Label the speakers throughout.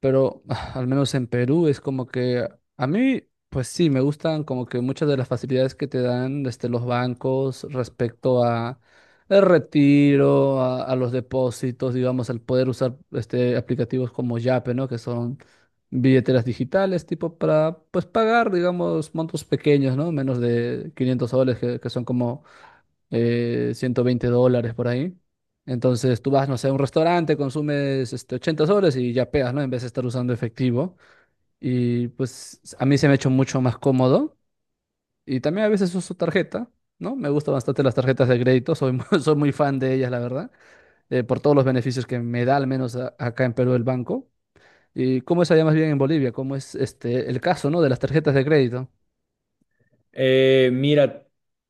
Speaker 1: Pero al menos en Perú es como que a mí, pues sí, me gustan como que muchas de las facilidades que te dan desde los bancos respecto a el retiro, a los depósitos, digamos, al poder usar aplicativos como Yape, ¿no? Que son billeteras digitales, tipo para, pues, pagar, digamos, montos pequeños, ¿no? Menos de 500 soles, que son como 120 dólares por ahí. Entonces tú vas, no sé, a un restaurante, consumes 80 soles y ya pegas, ¿no? En vez de estar usando efectivo. Y pues a mí se me ha hecho mucho más cómodo. Y también a veces uso tarjeta, ¿no? Me gustan bastante las tarjetas de crédito, soy muy fan de ellas, la verdad, por todos los beneficios que me da, al menos acá en Perú, el banco. ¿Y cómo es allá más bien en Bolivia? ¿Cómo es el caso, ¿no? De las tarjetas de crédito.
Speaker 2: Mira,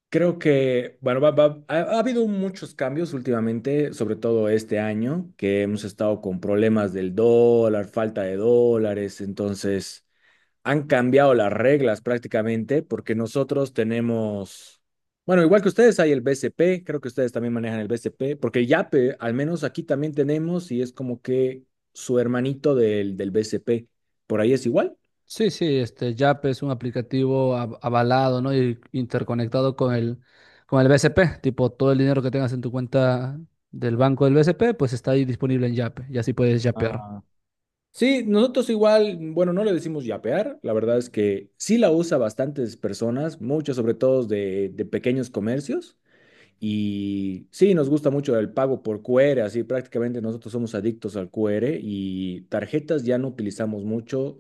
Speaker 2: creo que, bueno, ha habido muchos cambios últimamente, sobre todo este año, que hemos estado con problemas del dólar, falta de dólares, entonces han cambiado las reglas prácticamente porque nosotros tenemos, bueno, igual que ustedes hay el BCP, creo que ustedes también manejan el BCP, porque el YAPE, al menos aquí también tenemos y es como que su hermanito del BCP, por ahí es igual.
Speaker 1: Sí, sí, Yap es un aplicativo avalado, ¿no? Y interconectado con el BCP. Tipo, todo el dinero que tengas en tu cuenta del banco del BCP, pues está ahí disponible en Yap. Y así puedes yapear.
Speaker 2: Sí, nosotros igual, bueno, no le decimos yapear, la verdad es que sí la usa bastantes personas, muchos sobre todo de pequeños comercios, y sí, nos gusta mucho el pago por QR, así prácticamente nosotros somos adictos al QR y tarjetas ya no utilizamos mucho,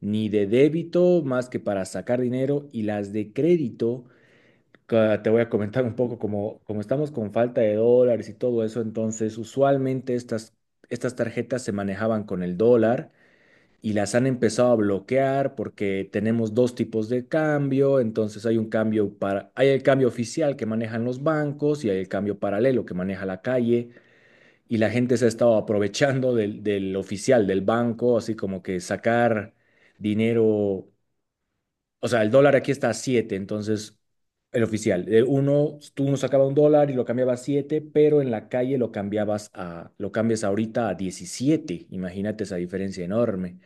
Speaker 2: ni de débito más que para sacar dinero, y las de crédito, te voy a comentar un poco, como, como estamos con falta de dólares y todo eso, entonces usualmente estas tarjetas se manejaban con el dólar y las han empezado a bloquear porque tenemos dos tipos de cambio, entonces hay un cambio para, hay el cambio oficial que manejan los bancos y hay el cambio paralelo que maneja la calle y la gente se ha estado aprovechando del oficial del banco, así como que sacar dinero, o sea, el dólar aquí está a 7, entonces el oficial, de uno, tú uno sacaba un dólar y lo cambiabas a 7, pero en la calle lo cambiabas a, lo cambias ahorita a 17. Imagínate esa diferencia enorme.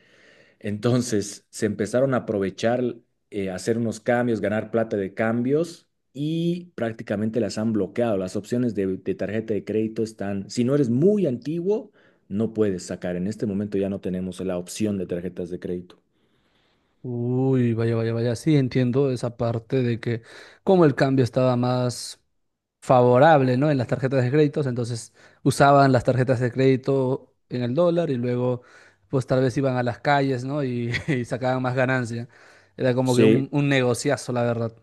Speaker 2: Entonces se empezaron a aprovechar, hacer unos cambios, ganar plata de cambios y prácticamente las han bloqueado. Las opciones de tarjeta de crédito están, si no eres muy antiguo, no puedes sacar. En este momento ya no tenemos la opción de tarjetas de crédito.
Speaker 1: Uy, vaya, vaya, vaya. Sí, entiendo esa parte de que como el cambio estaba más favorable, ¿no? En las tarjetas de créditos, entonces usaban las tarjetas de crédito en el dólar y luego, pues tal vez iban a las calles, ¿no? Y, y sacaban más ganancia. Era como que
Speaker 2: Sí,
Speaker 1: un negociazo, la verdad.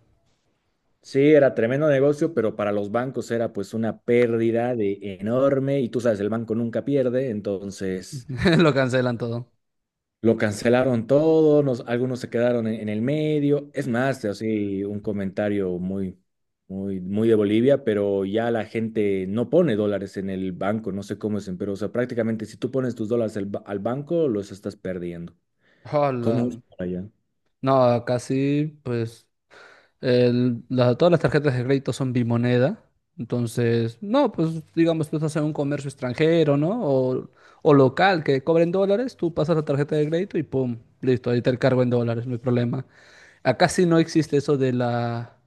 Speaker 2: Sí, era tremendo negocio, pero para los bancos era pues una pérdida de enorme y tú sabes, el banco nunca pierde, entonces
Speaker 1: Lo cancelan todo.
Speaker 2: lo cancelaron todo, algunos se quedaron en el medio. Es más, así un comentario muy, muy, muy de Bolivia, pero ya la gente no pone dólares en el banco, no sé cómo es, pero o sea, prácticamente si tú pones tus dólares al, al banco, los estás perdiendo.
Speaker 1: Hola.
Speaker 2: ¿Cómo es por allá?
Speaker 1: No, casi, pues, todas las tarjetas de crédito son bimoneda. Entonces, no, pues, digamos, tú estás en un comercio extranjero, ¿no? O local que cobren dólares, tú pasas la tarjeta de crédito y pum, listo, ahí te el cargo en dólares, no hay problema. Acá sí no existe eso de la...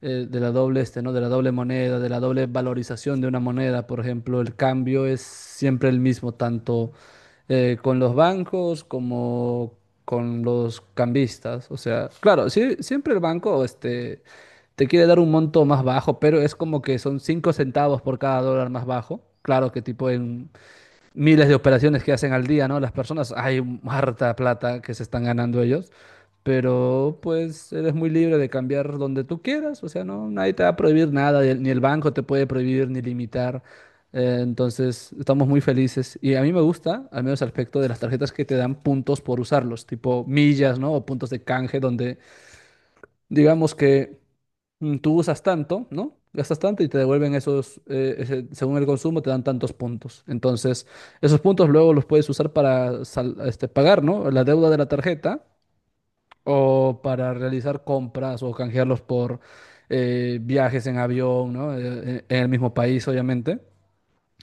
Speaker 1: eh, de la doble ¿no? De la doble moneda, de la doble valorización de una moneda, por ejemplo, el cambio es siempre el mismo, tanto con los bancos como con los cambistas. O sea, claro, sí, siempre el banco te quiere dar un monto más bajo, pero es como que son 5 centavos por cada dólar más bajo. Claro que tipo miles de operaciones que hacen al día, ¿no? Las personas, hay harta plata que se están ganando ellos, pero pues eres muy libre de cambiar donde tú quieras, o sea, no, nadie te va a prohibir nada, y ni el banco te puede prohibir ni limitar. Entonces, estamos muy felices y a mí me gusta, al menos el aspecto de las tarjetas que te dan puntos por usarlos, tipo millas, ¿no? O puntos de canje, donde digamos que tú usas tanto, ¿no? Gastas tanto y te devuelven según el consumo, te dan tantos puntos. Entonces, esos puntos luego los puedes usar para pagar, ¿no? La deuda de la tarjeta o para realizar compras o canjearlos por viajes en avión, ¿no? En el mismo país, obviamente.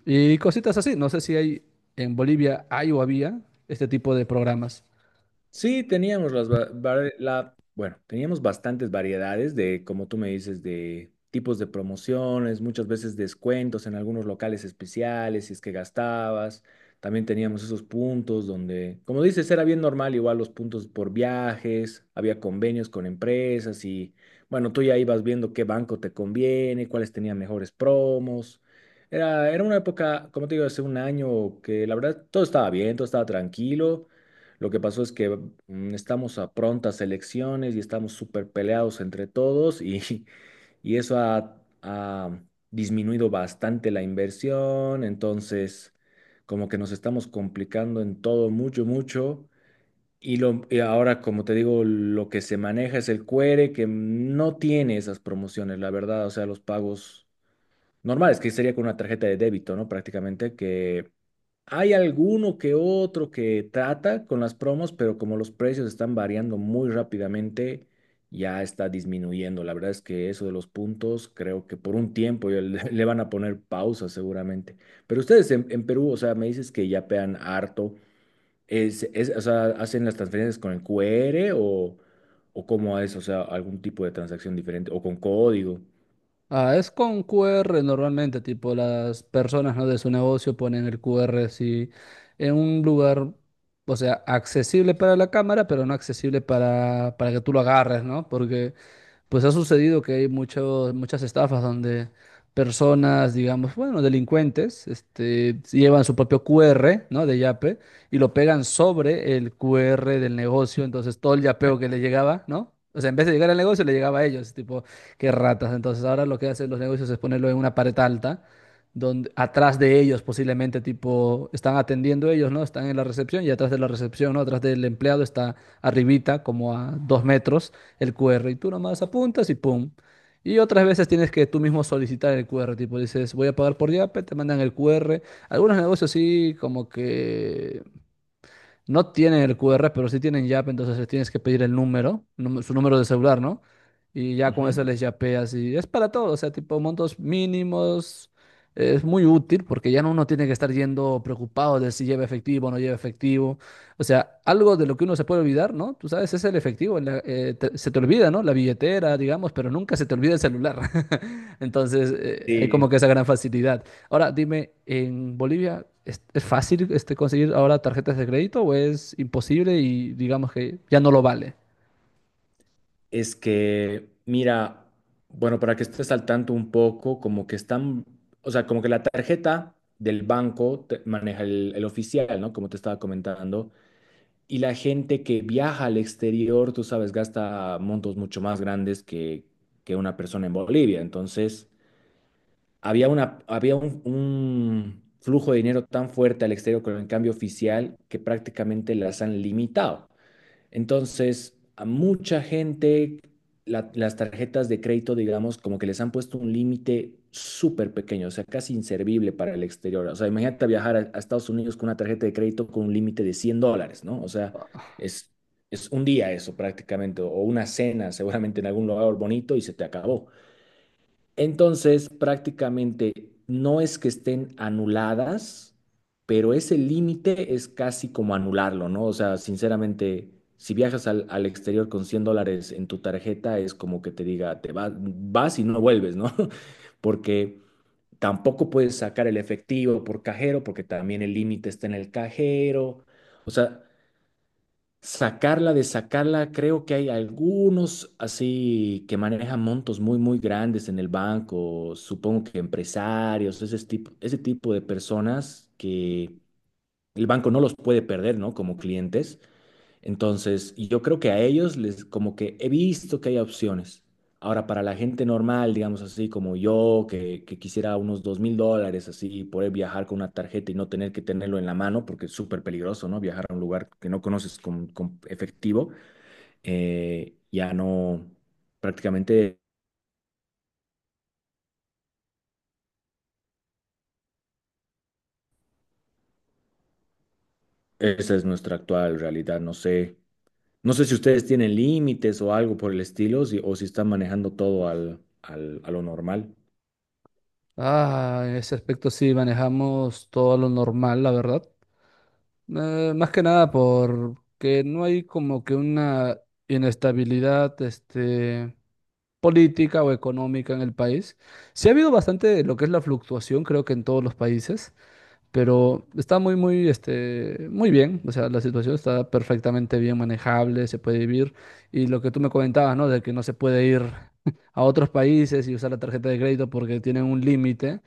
Speaker 1: Y cositas así. No sé si hay en Bolivia, hay o había este tipo de programas.
Speaker 2: Sí, teníamos las va- var- la, bueno, teníamos bastantes variedades de, como tú me dices, de tipos de promociones, muchas veces descuentos en algunos locales especiales, si es que gastabas. También teníamos esos puntos donde, como dices, era bien normal, igual los puntos por viajes, había convenios con empresas y, bueno, tú ya ibas viendo qué banco te conviene, cuáles tenían mejores promos. Era una época, como te digo, hace un año que la verdad todo estaba bien, todo estaba tranquilo. Lo que pasó es que estamos a prontas elecciones y estamos súper peleados entre todos, y y eso ha disminuido bastante la inversión, entonces como que nos estamos complicando en todo mucho, mucho. Y, lo, y ahora, como te digo, lo que se maneja es el QR que no tiene esas promociones, la verdad, o sea, los pagos normales, que sería con una tarjeta de débito, ¿no? Prácticamente que hay alguno que otro que trata con las promos, pero como los precios están variando muy rápidamente, ya está disminuyendo. La verdad es que eso de los puntos, creo que por un tiempo ya le, le van a poner pausa seguramente. Pero ustedes en Perú, o sea, me dices que ya pean harto. O sea, ¿hacen las transferencias con el QR o cómo es? O sea, algún tipo de transacción diferente o con código.
Speaker 1: Ah, es con Q R normalmente, tipo las personas, ¿no? de su negocio ponen el Q R así en un lugar, o sea, accesible para la cámara, pero no accesible para que tú lo agarres, ¿no? Porque pues ha sucedido que hay muchos, muchas estafas donde personas, digamos, bueno, delincuentes, llevan su propio QR, ¿no? De Yape y lo pegan sobre el QR del negocio, entonces todo el yapeo que le llegaba, ¿no? O sea, en vez de llegar al negocio, le llegaba a ellos, tipo, qué ratas. Entonces, ahora lo que hacen los negocios es ponerlo en una pared alta, donde atrás de ellos posiblemente, tipo, están atendiendo ellos, ¿no? Están en la recepción y atrás de la recepción, ¿no? Atrás del empleado está arribita, como a 2 metros el QR y tú nomás apuntas y pum. Y otras veces tienes que tú mismo solicitar el QR, tipo dices, voy a pagar por Yape, te mandan el QR. Algunos negocios sí, como que no tienen el QR, pero sí tienen yape entonces les tienes que pedir el número, su número de celular, ¿no? Y ya con
Speaker 2: Ujú.
Speaker 1: eso les yapeas y es para todo, o sea, tipo montos mínimos. Es muy útil porque ya no uno tiene que estar yendo preocupado de si lleva efectivo o no lleva efectivo. O sea, algo de lo que uno se puede olvidar, ¿no? Tú sabes, es el efectivo. Se te olvida, ¿no? La billetera, digamos, pero nunca se te olvida el celular. Entonces, hay como que
Speaker 2: Sí.
Speaker 1: esa gran facilidad. Ahora, dime, ¿en Bolivia es fácil conseguir ahora tarjetas de crédito o es imposible y digamos que ya no lo vale?
Speaker 2: Es que, mira, bueno, para que estés al tanto un poco, como que están, o sea, como que la tarjeta del banco maneja el oficial, ¿no? Como te estaba comentando. Y la gente que viaja al exterior, tú sabes, gasta montos mucho más grandes que una persona en Bolivia. Entonces, había una, había un flujo de dinero tan fuerte al exterior con el cambio oficial que prácticamente las han limitado. Entonces, a mucha gente las tarjetas de crédito, digamos, como que les han puesto un límite súper pequeño, o sea, casi inservible para el exterior. O sea, imagínate viajar a Estados Unidos con una tarjeta de crédito con un límite de $100, ¿no? O sea, es, es un día eso prácticamente, o una cena seguramente en algún lugar bonito y se te acabó. Entonces, prácticamente no es que estén anuladas, pero ese límite es casi como anularlo, ¿no? O sea, sinceramente, si viajas al, al exterior con $100 en tu tarjeta, es como que te diga, te vas, vas y no vuelves, ¿no? Porque tampoco puedes sacar el efectivo por cajero, porque también el límite está en el cajero. O sea, sacarla de sacarla, creo que hay algunos así que manejan montos muy, muy grandes en el banco, supongo que empresarios, ese tipo de personas que el banco no los puede perder, ¿no? Como clientes. Entonces, y yo creo que a ellos les como que he visto que hay opciones. Ahora, para la gente normal, digamos así, como yo, que quisiera unos $2.000, así, poder viajar con una tarjeta y no tener que tenerlo en la mano, porque es súper peligroso, ¿no? Viajar a un lugar que no conoces con efectivo, ya no, prácticamente esa es nuestra actual realidad. No sé, no sé si ustedes tienen límites o algo por el estilo, o si están manejando todo al, a lo normal.
Speaker 1: Ah, en ese aspecto sí manejamos todo lo normal, la verdad. Más que nada porque no hay como que una inestabilidad, política o económica en el país. Sí ha habido bastante lo que es la fluctuación, creo que en todos los países, pero está muy, muy, muy bien. O sea, la situación está perfectamente bien manejable, se puede vivir. Y lo que tú me comentabas, ¿no? De que no se puede ir a otros países y usar la tarjeta de crédito porque tienen un límite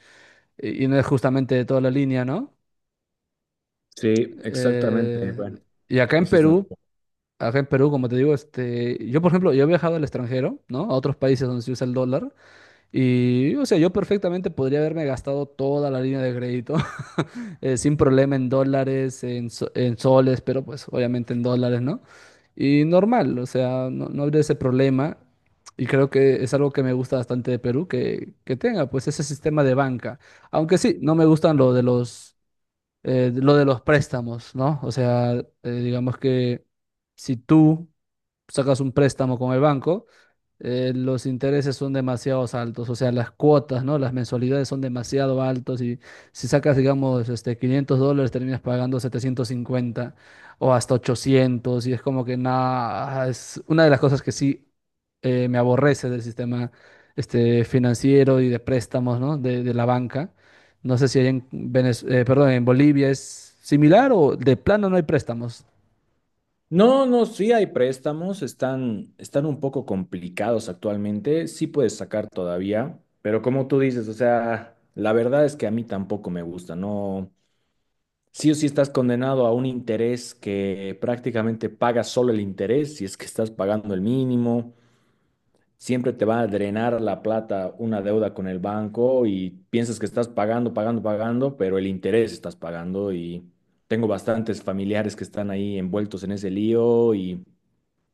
Speaker 1: y no es justamente de toda la línea, ¿no?
Speaker 2: Sí, exactamente.
Speaker 1: Eh,
Speaker 2: Bueno.
Speaker 1: y acá en
Speaker 2: Ese es
Speaker 1: Perú,
Speaker 2: nuestro-
Speaker 1: acá en Perú, como te digo, yo por ejemplo, yo he viajado al extranjero, ¿no? A otros países donde se usa el dólar y, o sea, yo perfectamente podría haberme gastado toda la línea de crédito sin problema en dólares, en soles, pero pues obviamente en dólares, ¿no? Y normal, o sea, no, no habría ese problema. Y creo que es algo que me gusta bastante de Perú, que tenga pues ese sistema de banca. Aunque sí, no me gustan lo de los préstamos, ¿no? O sea, digamos que si tú sacas un préstamo con el banco, los intereses son demasiado altos, o sea, las cuotas, ¿no? Las mensualidades son demasiado altos y si sacas, digamos, 500 dólares terminas pagando 750 o hasta 800 y es como que nada, es una de las cosas que sí me aborrece del sistema financiero y de préstamos, ¿no? De la banca. No sé si hay en perdón, en Bolivia es similar o de plano no hay préstamos.
Speaker 2: No, no, sí hay préstamos, están, están un poco complicados actualmente, sí puedes sacar todavía, pero como tú dices, o sea, la verdad es que a mí tampoco me gusta, no, sí o sí estás condenado a un interés que prácticamente pagas solo el interés, si es que estás pagando el mínimo, siempre te va a drenar la plata una deuda con el banco y piensas que estás pagando, pagando, pagando, pero el interés estás pagando y tengo bastantes familiares que están ahí envueltos en ese lío y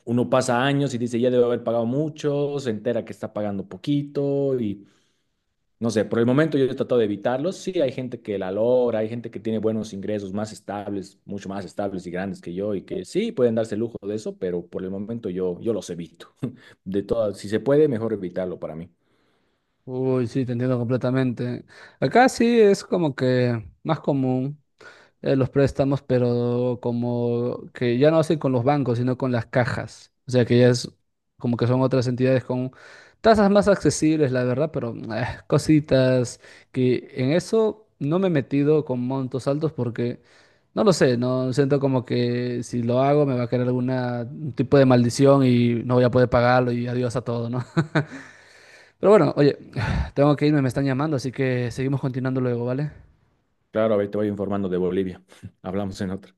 Speaker 2: uno pasa años y dice, ya debo haber pagado mucho, se entera que está pagando poquito y no sé, por el momento yo he tratado de evitarlos. Sí, hay gente que la logra, hay gente que tiene buenos ingresos más estables, mucho más estables y grandes que yo, y que sí pueden darse el lujo de eso, pero por el momento yo, yo los evito. De todas, si se puede, mejor evitarlo para mí.
Speaker 1: Uy, sí, te entiendo completamente. Acá sí es como que más común. Los préstamos, pero como que ya no hacen con los bancos, sino con las cajas. O sea que ya es como que son otras entidades con tasas más accesibles, la verdad, pero cositas que en eso no me he metido con montos altos porque no lo sé, no siento como que si lo hago me va a caer alguna un tipo de maldición y no voy a poder pagarlo y adiós a todo, ¿no? Pero bueno, oye, tengo que irme, me están llamando, así que seguimos continuando luego, ¿vale?
Speaker 2: Claro, a ver, te voy informando de Bolivia. Hablamos en otra.